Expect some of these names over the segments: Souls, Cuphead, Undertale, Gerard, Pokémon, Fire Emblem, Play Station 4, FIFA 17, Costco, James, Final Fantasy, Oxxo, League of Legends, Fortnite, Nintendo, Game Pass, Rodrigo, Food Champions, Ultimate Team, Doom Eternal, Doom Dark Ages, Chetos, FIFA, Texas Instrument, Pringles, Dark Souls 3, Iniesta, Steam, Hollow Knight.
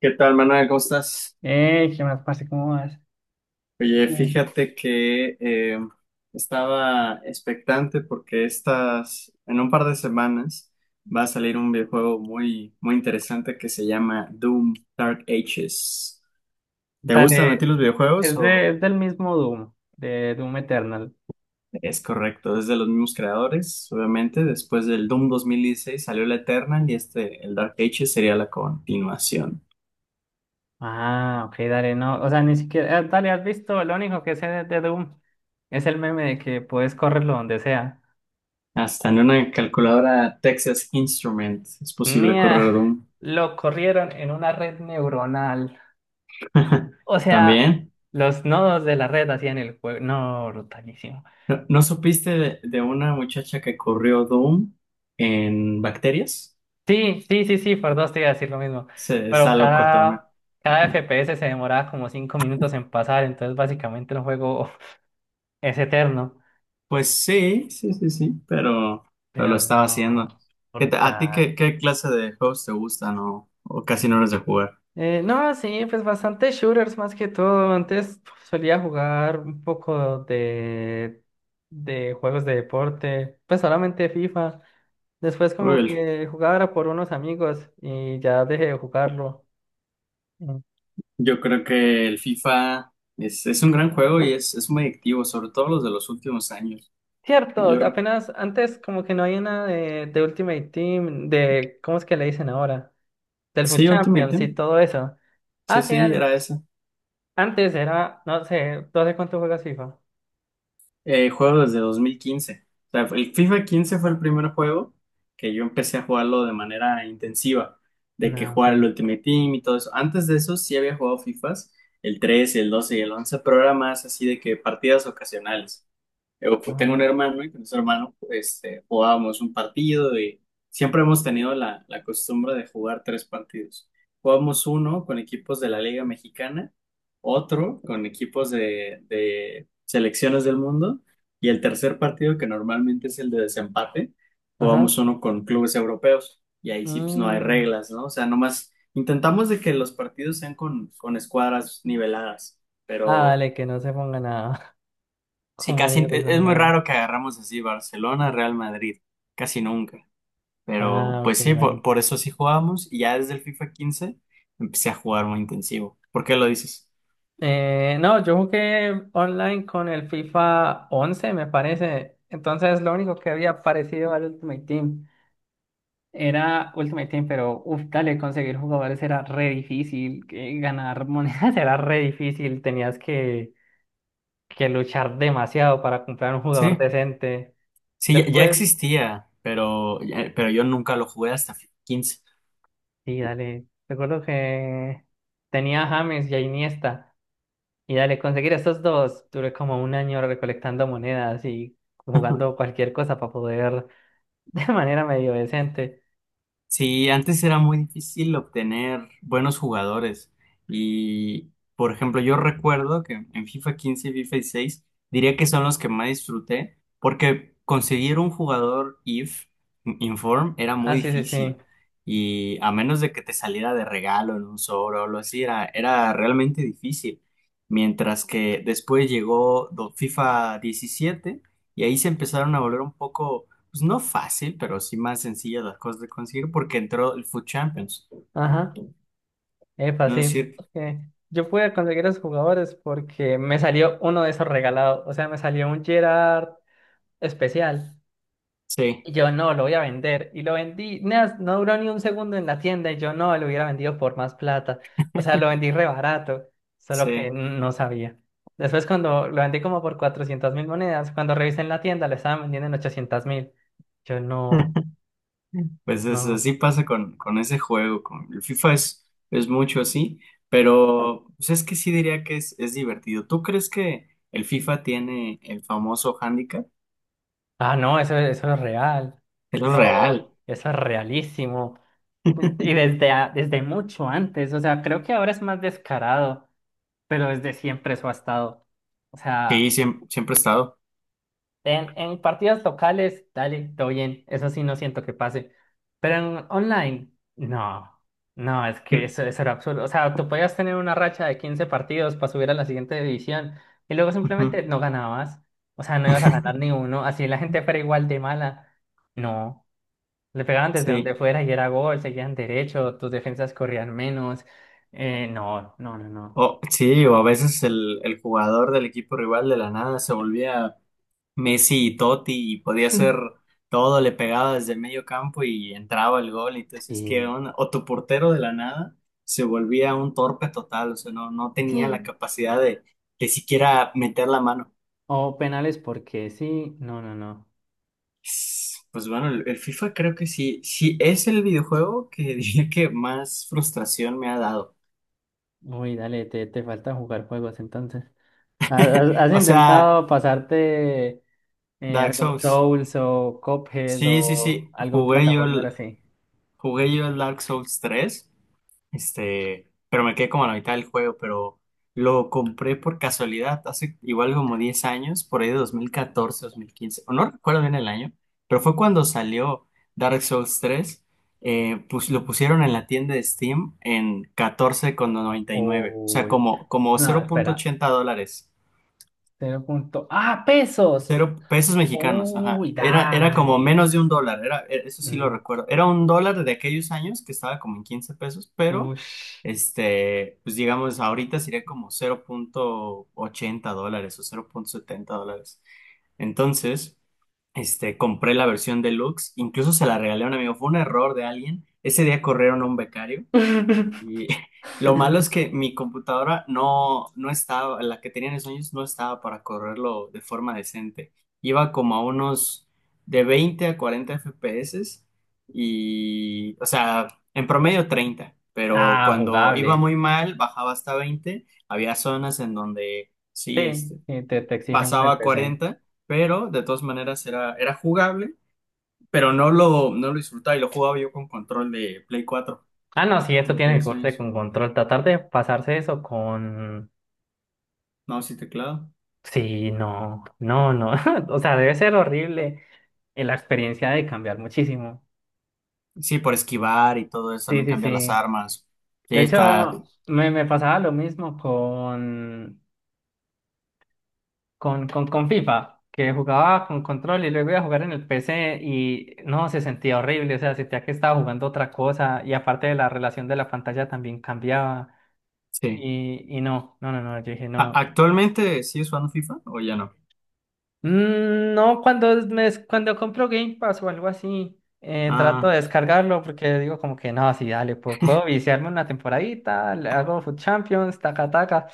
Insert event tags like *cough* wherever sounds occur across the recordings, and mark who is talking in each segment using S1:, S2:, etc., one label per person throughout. S1: ¿Qué tal, Manuel? ¿Cómo estás?
S2: ¿Qué más, parce? ¿Cómo vas?
S1: Oye,
S2: Mm.
S1: fíjate que estaba expectante porque en un par de semanas va a salir un videojuego muy, muy interesante que se llama Doom Dark Ages. ¿Te gustan a ti
S2: Dale,
S1: los videojuegos o
S2: es del mismo Doom, de Doom Eternal.
S1: es correcto? Es de los mismos creadores, obviamente. Después del Doom 2016 salió el Eternal y este, el Dark Ages, sería la continuación.
S2: Ah, ok, dale, no, o sea, ni siquiera, dale, has visto, lo único que sé de Doom es el meme de que puedes correrlo donde sea.
S1: Hasta en una calculadora Texas Instrument es posible
S2: Nia,
S1: correr
S2: *laughs*
S1: Doom.
S2: lo corrieron en una red neuronal.
S1: *laughs*
S2: O sea,
S1: También,
S2: los nodos de la red hacían el juego. No, brutalísimo.
S1: ¿no supiste de una muchacha que corrió Doom en bacterias?
S2: Sí, sí, sí, sí, por dos te iba a decir lo mismo.
S1: Está
S2: Pero
S1: loco también.
S2: cada, cada FPS se demoraba como cinco minutos en pasar, entonces básicamente el juego *laughs* es eterno.
S1: Pues sí, sí, sí, sí, pero lo
S2: Pero
S1: estaba
S2: no,
S1: haciendo. ¿a ti
S2: brutal.
S1: qué clase de juegos te gustan o casi no eres de jugar?
S2: No, sí, pues bastante shooters más que todo. Antes solía jugar un poco de juegos de deporte, pues solamente FIFA. Después
S1: Uy,
S2: como que jugaba era por unos amigos y ya dejé de jugarlo.
S1: yo creo que el FIFA es un gran juego y es muy activo, sobre todo los de los últimos años.
S2: Cierto,
S1: Yo,
S2: apenas antes como que no hay una de Ultimate Team, de, ¿cómo es que le dicen ahora? Del Food
S1: sí, Ultimate
S2: Champions y
S1: Team.
S2: todo eso. Ah,
S1: Sí,
S2: sí,
S1: sí,
S2: dale.
S1: era ese.
S2: Antes era, no sé, ¿tú hace cuánto juegas FIFA?
S1: Juego desde 2015. O sea, el FIFA 15 fue el primer juego que yo empecé a jugarlo de manera intensiva, de que
S2: No,
S1: jugaba el
S2: sí.
S1: Ultimate Team y todo eso. Antes de eso sí había jugado FIFAs, el 13, el 12 y el 11, pero era más así de que partidas ocasionales. Tengo un
S2: Ajá.
S1: hermano y con ese hermano jugábamos un partido y siempre hemos tenido la costumbre de jugar tres partidos. Jugamos uno con equipos de la Liga Mexicana, otro con equipos de selecciones del mundo y el tercer partido, que normalmente es el de desempate,
S2: Ajá.
S1: jugamos uno con clubes europeos y ahí sí pues, no hay
S2: Mm.
S1: reglas, ¿no? O sea, nomás intentamos de que los partidos sean con escuadras niveladas,
S2: Ah,
S1: pero.
S2: vale, que no se ponga nada. *laughs*
S1: Sí,
S2: Como niños
S1: es muy
S2: exagerados.
S1: raro que
S2: *laughs*
S1: agarramos así Barcelona, Real Madrid, casi nunca. Pero
S2: Ah, ok,
S1: pues sí,
S2: vale.
S1: por eso sí jugamos y ya desde el FIFA 15 empecé a jugar muy intensivo. ¿Por qué lo dices?
S2: No, yo jugué online con el FIFA 11 me parece. Entonces, lo único que había parecido al Ultimate Team. Era Ultimate Team, pero uf, dale, conseguir jugadores era re difícil, que ganar monedas *laughs* era re difícil, tenías que luchar demasiado para comprar un jugador
S1: Sí,
S2: decente.
S1: sí, ya
S2: Después,
S1: existía, pero yo nunca lo jugué hasta FIFA 15.
S2: sí, dale, recuerdo que tenía a James y a Iniesta, y dale, conseguir esos dos, duré como un año recolectando monedas y
S1: *laughs*
S2: jugando cualquier cosa para poder *laughs* de manera medio decente.
S1: Sí, antes era muy difícil obtener buenos jugadores. Y, por ejemplo, yo recuerdo que en FIFA 15 y FIFA 16 diría que son los que más disfruté porque conseguir un jugador IF, Inform, era
S2: Ah,
S1: muy
S2: sí, sí, sí.
S1: difícil. Y a menos de que te saliera de regalo en un sobre o algo así, era realmente difícil. Mientras que después llegó FIFA 17 y ahí se empezaron a volver un poco, pues no fácil, pero sí más sencilla las cosas de conseguir porque entró el Food Champions.
S2: Ajá. Epa,
S1: No es
S2: sí,
S1: cierto.
S2: porque yo pude conseguir a esos jugadores porque me salió uno de esos regalados. O sea, me salió un Gerard especial.
S1: Sí,
S2: Y yo no, lo voy a vender. Y lo vendí. No, no duró ni un segundo en la tienda. Y yo no, lo hubiera vendido por más plata. O sea, lo vendí re barato. Solo que
S1: sí.
S2: no sabía. Después, cuando lo vendí como por 400 mil monedas, cuando revisé en la tienda, lo estaban vendiendo en 800 mil. Yo no,
S1: *laughs* Pues
S2: no.
S1: así pasa con ese juego, con el FIFA es mucho así, pero pues es que sí diría que es divertido. ¿Tú crees que el FIFA tiene el famoso handicap?
S2: Ah, no, eso es real.
S1: Es lo real.
S2: Eso es realísimo. Y desde, desde mucho antes, o sea, creo que ahora es más descarado, pero desde siempre eso ha estado. O
S1: Sí,
S2: sea,
S1: siempre, siempre ha estado.
S2: en partidas locales, dale, todo bien, eso sí no siento que pase. Pero en online, no, no, es que
S1: Sí.
S2: eso era absurdo. O sea, tú podías tener una racha de 15 partidos para subir a la siguiente división y luego
S1: Ujú.
S2: simplemente no ganabas. O sea, no ibas a ganar
S1: *laughs*
S2: ni uno, así la gente fuera igual de mala. No. Le pegaban desde donde
S1: Sí.
S2: fuera y era gol, seguían derecho, tus defensas corrían menos. No, no, no, no.
S1: Sí, o a veces el jugador del equipo rival de la nada se volvía Messi y Totti y podía hacer
S2: *laughs*
S1: todo, le pegaba desde el medio campo y entraba el gol. Y entonces,
S2: Sí,
S1: o tu portero de la nada se volvía un torpe total, o sea, no tenía la
S2: sí.
S1: capacidad de siquiera meter la mano.
S2: O penales porque sí, no, no, no.
S1: Pues bueno, el FIFA creo que sí es el videojuego que *laughs* diría que más frustración me ha dado.
S2: Uy, dale, te falta jugar juegos entonces. ¿Has
S1: O sea,
S2: intentado pasarte
S1: Dark
S2: algún
S1: Souls.
S2: Souls o Cuphead
S1: Sí, sí,
S2: o
S1: sí.
S2: algún
S1: Jugué yo
S2: plataformero
S1: el,
S2: así?
S1: jugué yo el Dark Souls 3. Pero me quedé como a la mitad del juego, pero lo compré por casualidad hace igual como 10 años, por ahí de 2014, 2015, o no recuerdo bien el año, pero fue cuando salió Dark Souls 3. Pues lo pusieron en la tienda de Steam en 14,99, o sea,
S2: Uy,
S1: como
S2: no,
S1: cero punto
S2: espera.
S1: ochenta dólares.
S2: Cero punto. ¡Ah, pesos!
S1: Cero pesos mexicanos, ajá.
S2: Uy,
S1: Era como
S2: dale.
S1: menos de un dólar, eso sí lo
S2: Mm,
S1: recuerdo. Era un dólar de aquellos años que estaba como en 15 pesos, pero
S2: ush.
S1: pues digamos, ahorita sería como $0.80 o $0.70. Entonces, compré la versión deluxe, incluso se la regalé a un amigo, fue un error de alguien. Ese día corrieron a un becario
S2: *laughs*
S1: y *laughs* lo malo es
S2: *laughs*
S1: que mi computadora no estaba, la que tenía en esos años no estaba para correrlo de forma decente. Iba como a unos de 20 a 40 FPS y, o sea, en promedio 30, pero
S2: Ah,
S1: cuando iba
S2: jugable.
S1: muy mal, bajaba hasta 20. Había zonas en donde sí,
S2: Sí, sí, te exigimos
S1: pasaba
S2: el
S1: a
S2: PC.
S1: 40, pero de todas maneras era jugable, pero no lo disfrutaba, y lo jugaba yo con control de Play 4
S2: Ah, no, sí, esto
S1: de
S2: tiene que
S1: aquellos
S2: corte
S1: años.
S2: con control. Tratar de pasarse eso con...
S1: No, sí, teclado.
S2: Sí, no, no, no. *laughs* O sea, debe ser horrible. La experiencia de cambiar muchísimo.
S1: Sí, por esquivar y todo eso,
S2: Sí,
S1: también
S2: sí,
S1: cambiar las
S2: sí.
S1: armas. Sí,
S2: De hecho, me pasaba lo mismo con FIFA, que jugaba con control y luego iba a jugar en el PC y no, se sentía horrible. O sea, sentía que estaba jugando otra cosa y aparte de la relación de la pantalla también cambiaba.
S1: sí.
S2: Y no, no, no, no, yo dije no.
S1: ¿Actualmente sí es fan FIFA o ya no?
S2: Mm, no, cuando me, cuando compro Game Pass o algo así, trato de
S1: Ah,
S2: descargarlo porque digo como que no, sí, dale, puedo, puedo viciarme una temporadita, le hago Food Champions, taca, taca.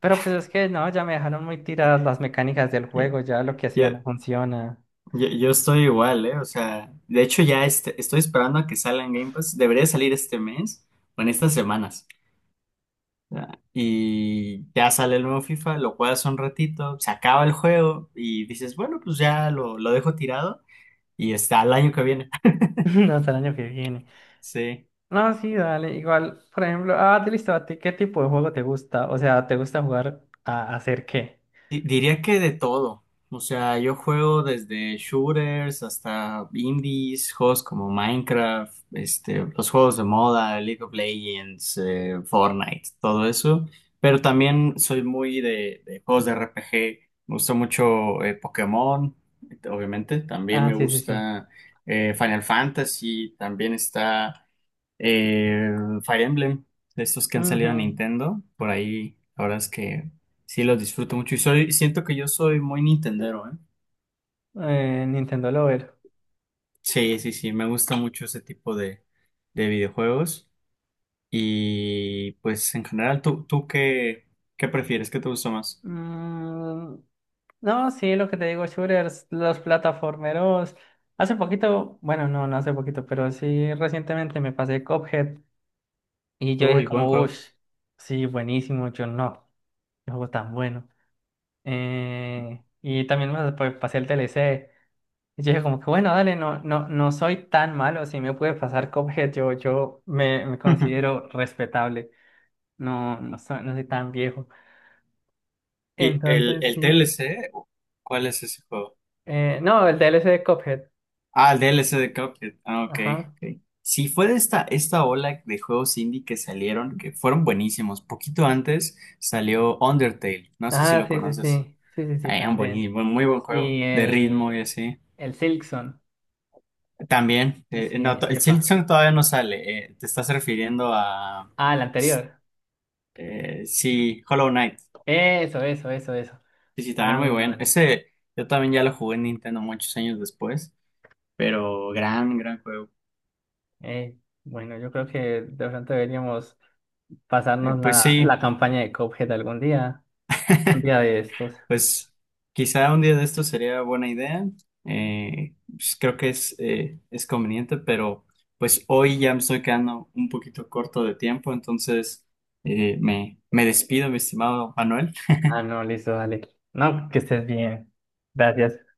S2: Pero pues es que no, ya me dejaron muy tiradas las mecánicas del
S1: ya-
S2: juego, ya lo que hacía
S1: ya-
S2: no funciona. *laughs*
S1: yo estoy igual, ¿eh? O sea, de hecho ya estoy esperando a que salga en Game Pass. Debería salir este mes o en estas semanas. Ya, Y ya sale el nuevo FIFA, lo juegas un ratito, se acaba el juego y dices, bueno, pues ya lo dejo tirado y está el año que viene. *laughs*
S2: No, hasta el año que viene.
S1: Sí.
S2: No, sí, dale, igual, por ejemplo, ah, te listo, ¿a ti qué tipo de juego te gusta? O sea, ¿te gusta jugar a hacer qué?
S1: Diría que de todo. O sea, yo juego desde shooters hasta indies, juegos como Minecraft, los juegos de moda, League of Legends, Fortnite, todo eso. Pero también soy muy de juegos de RPG. Me gusta mucho Pokémon, obviamente. También
S2: Ah,
S1: me
S2: sí, sí, sí.
S1: gusta Final Fantasy. También está. Eh, Fire Emblem, de estos que han
S2: Ujú.
S1: salido a Nintendo, por ahí, la verdad es que sí los disfruto mucho y siento que yo soy muy nintendero, ¿eh?
S2: Nintendo Lover.
S1: Sí, sí, sí, me gusta mucho ese tipo de videojuegos, y pues en general, ¿tú qué prefieres? ¿Qué te gusta más?
S2: Mm, no, sí, lo que te digo, shooters, los plataformeros. Hace poquito, bueno, no, no hace poquito, pero sí recientemente me pasé Cuphead y yo dije
S1: Uy, buen
S2: como, uff,
S1: juego.
S2: sí, buenísimo, yo no, qué juego tan bueno. Y también pasé el DLC. Y yo dije como que, bueno, dale, no, no, no soy tan malo, si me puede pasar Cuphead, yo, yo me
S1: *laughs*
S2: considero respetable, no, no soy, no soy tan viejo.
S1: ¿Y el,
S2: Entonces
S1: el
S2: sí.
S1: TLC? ¿Cuál es ese juego?
S2: No, el DLC de Cuphead.
S1: Ah, el DLC de Cuphead. Ah, ok,
S2: Ajá.
S1: ok. Sí, fue de esta ola de juegos indie que salieron, que fueron buenísimos. Poquito antes salió Undertale, no sé si
S2: Ah,
S1: lo
S2: sí, sí,
S1: conoces.
S2: sí. Sí, sí, sí,
S1: Un
S2: también.
S1: buenísimo, muy buen juego,
S2: Y
S1: de ritmo y
S2: el,
S1: así.
S2: el Silksong.
S1: También,
S2: Sí,
S1: no, el
S2: epa.
S1: Silksong todavía no sale. Te estás refiriendo a,
S2: Ah, el
S1: s-
S2: anterior.
S1: sí, Hollow Knight.
S2: Eso, eso, eso, eso.
S1: Sí, sí, también
S2: Ah,
S1: muy
S2: bueno,
S1: bueno.
S2: dale.
S1: Ese, yo también ya lo jugué en Nintendo muchos años después, pero gran, gran juego.
S2: Eh, bueno, yo creo que de pronto deberíamos pasarnos
S1: Pues
S2: la
S1: sí.
S2: campaña de Cuphead algún día. Un día de estos.
S1: Pues quizá un día de esto sería buena idea. Pues, creo que es conveniente, pero pues hoy ya me estoy quedando un poquito corto de tiempo, entonces me despido, mi estimado Manuel.
S2: Ah, no, listo, dale. No, que estés bien. Gracias.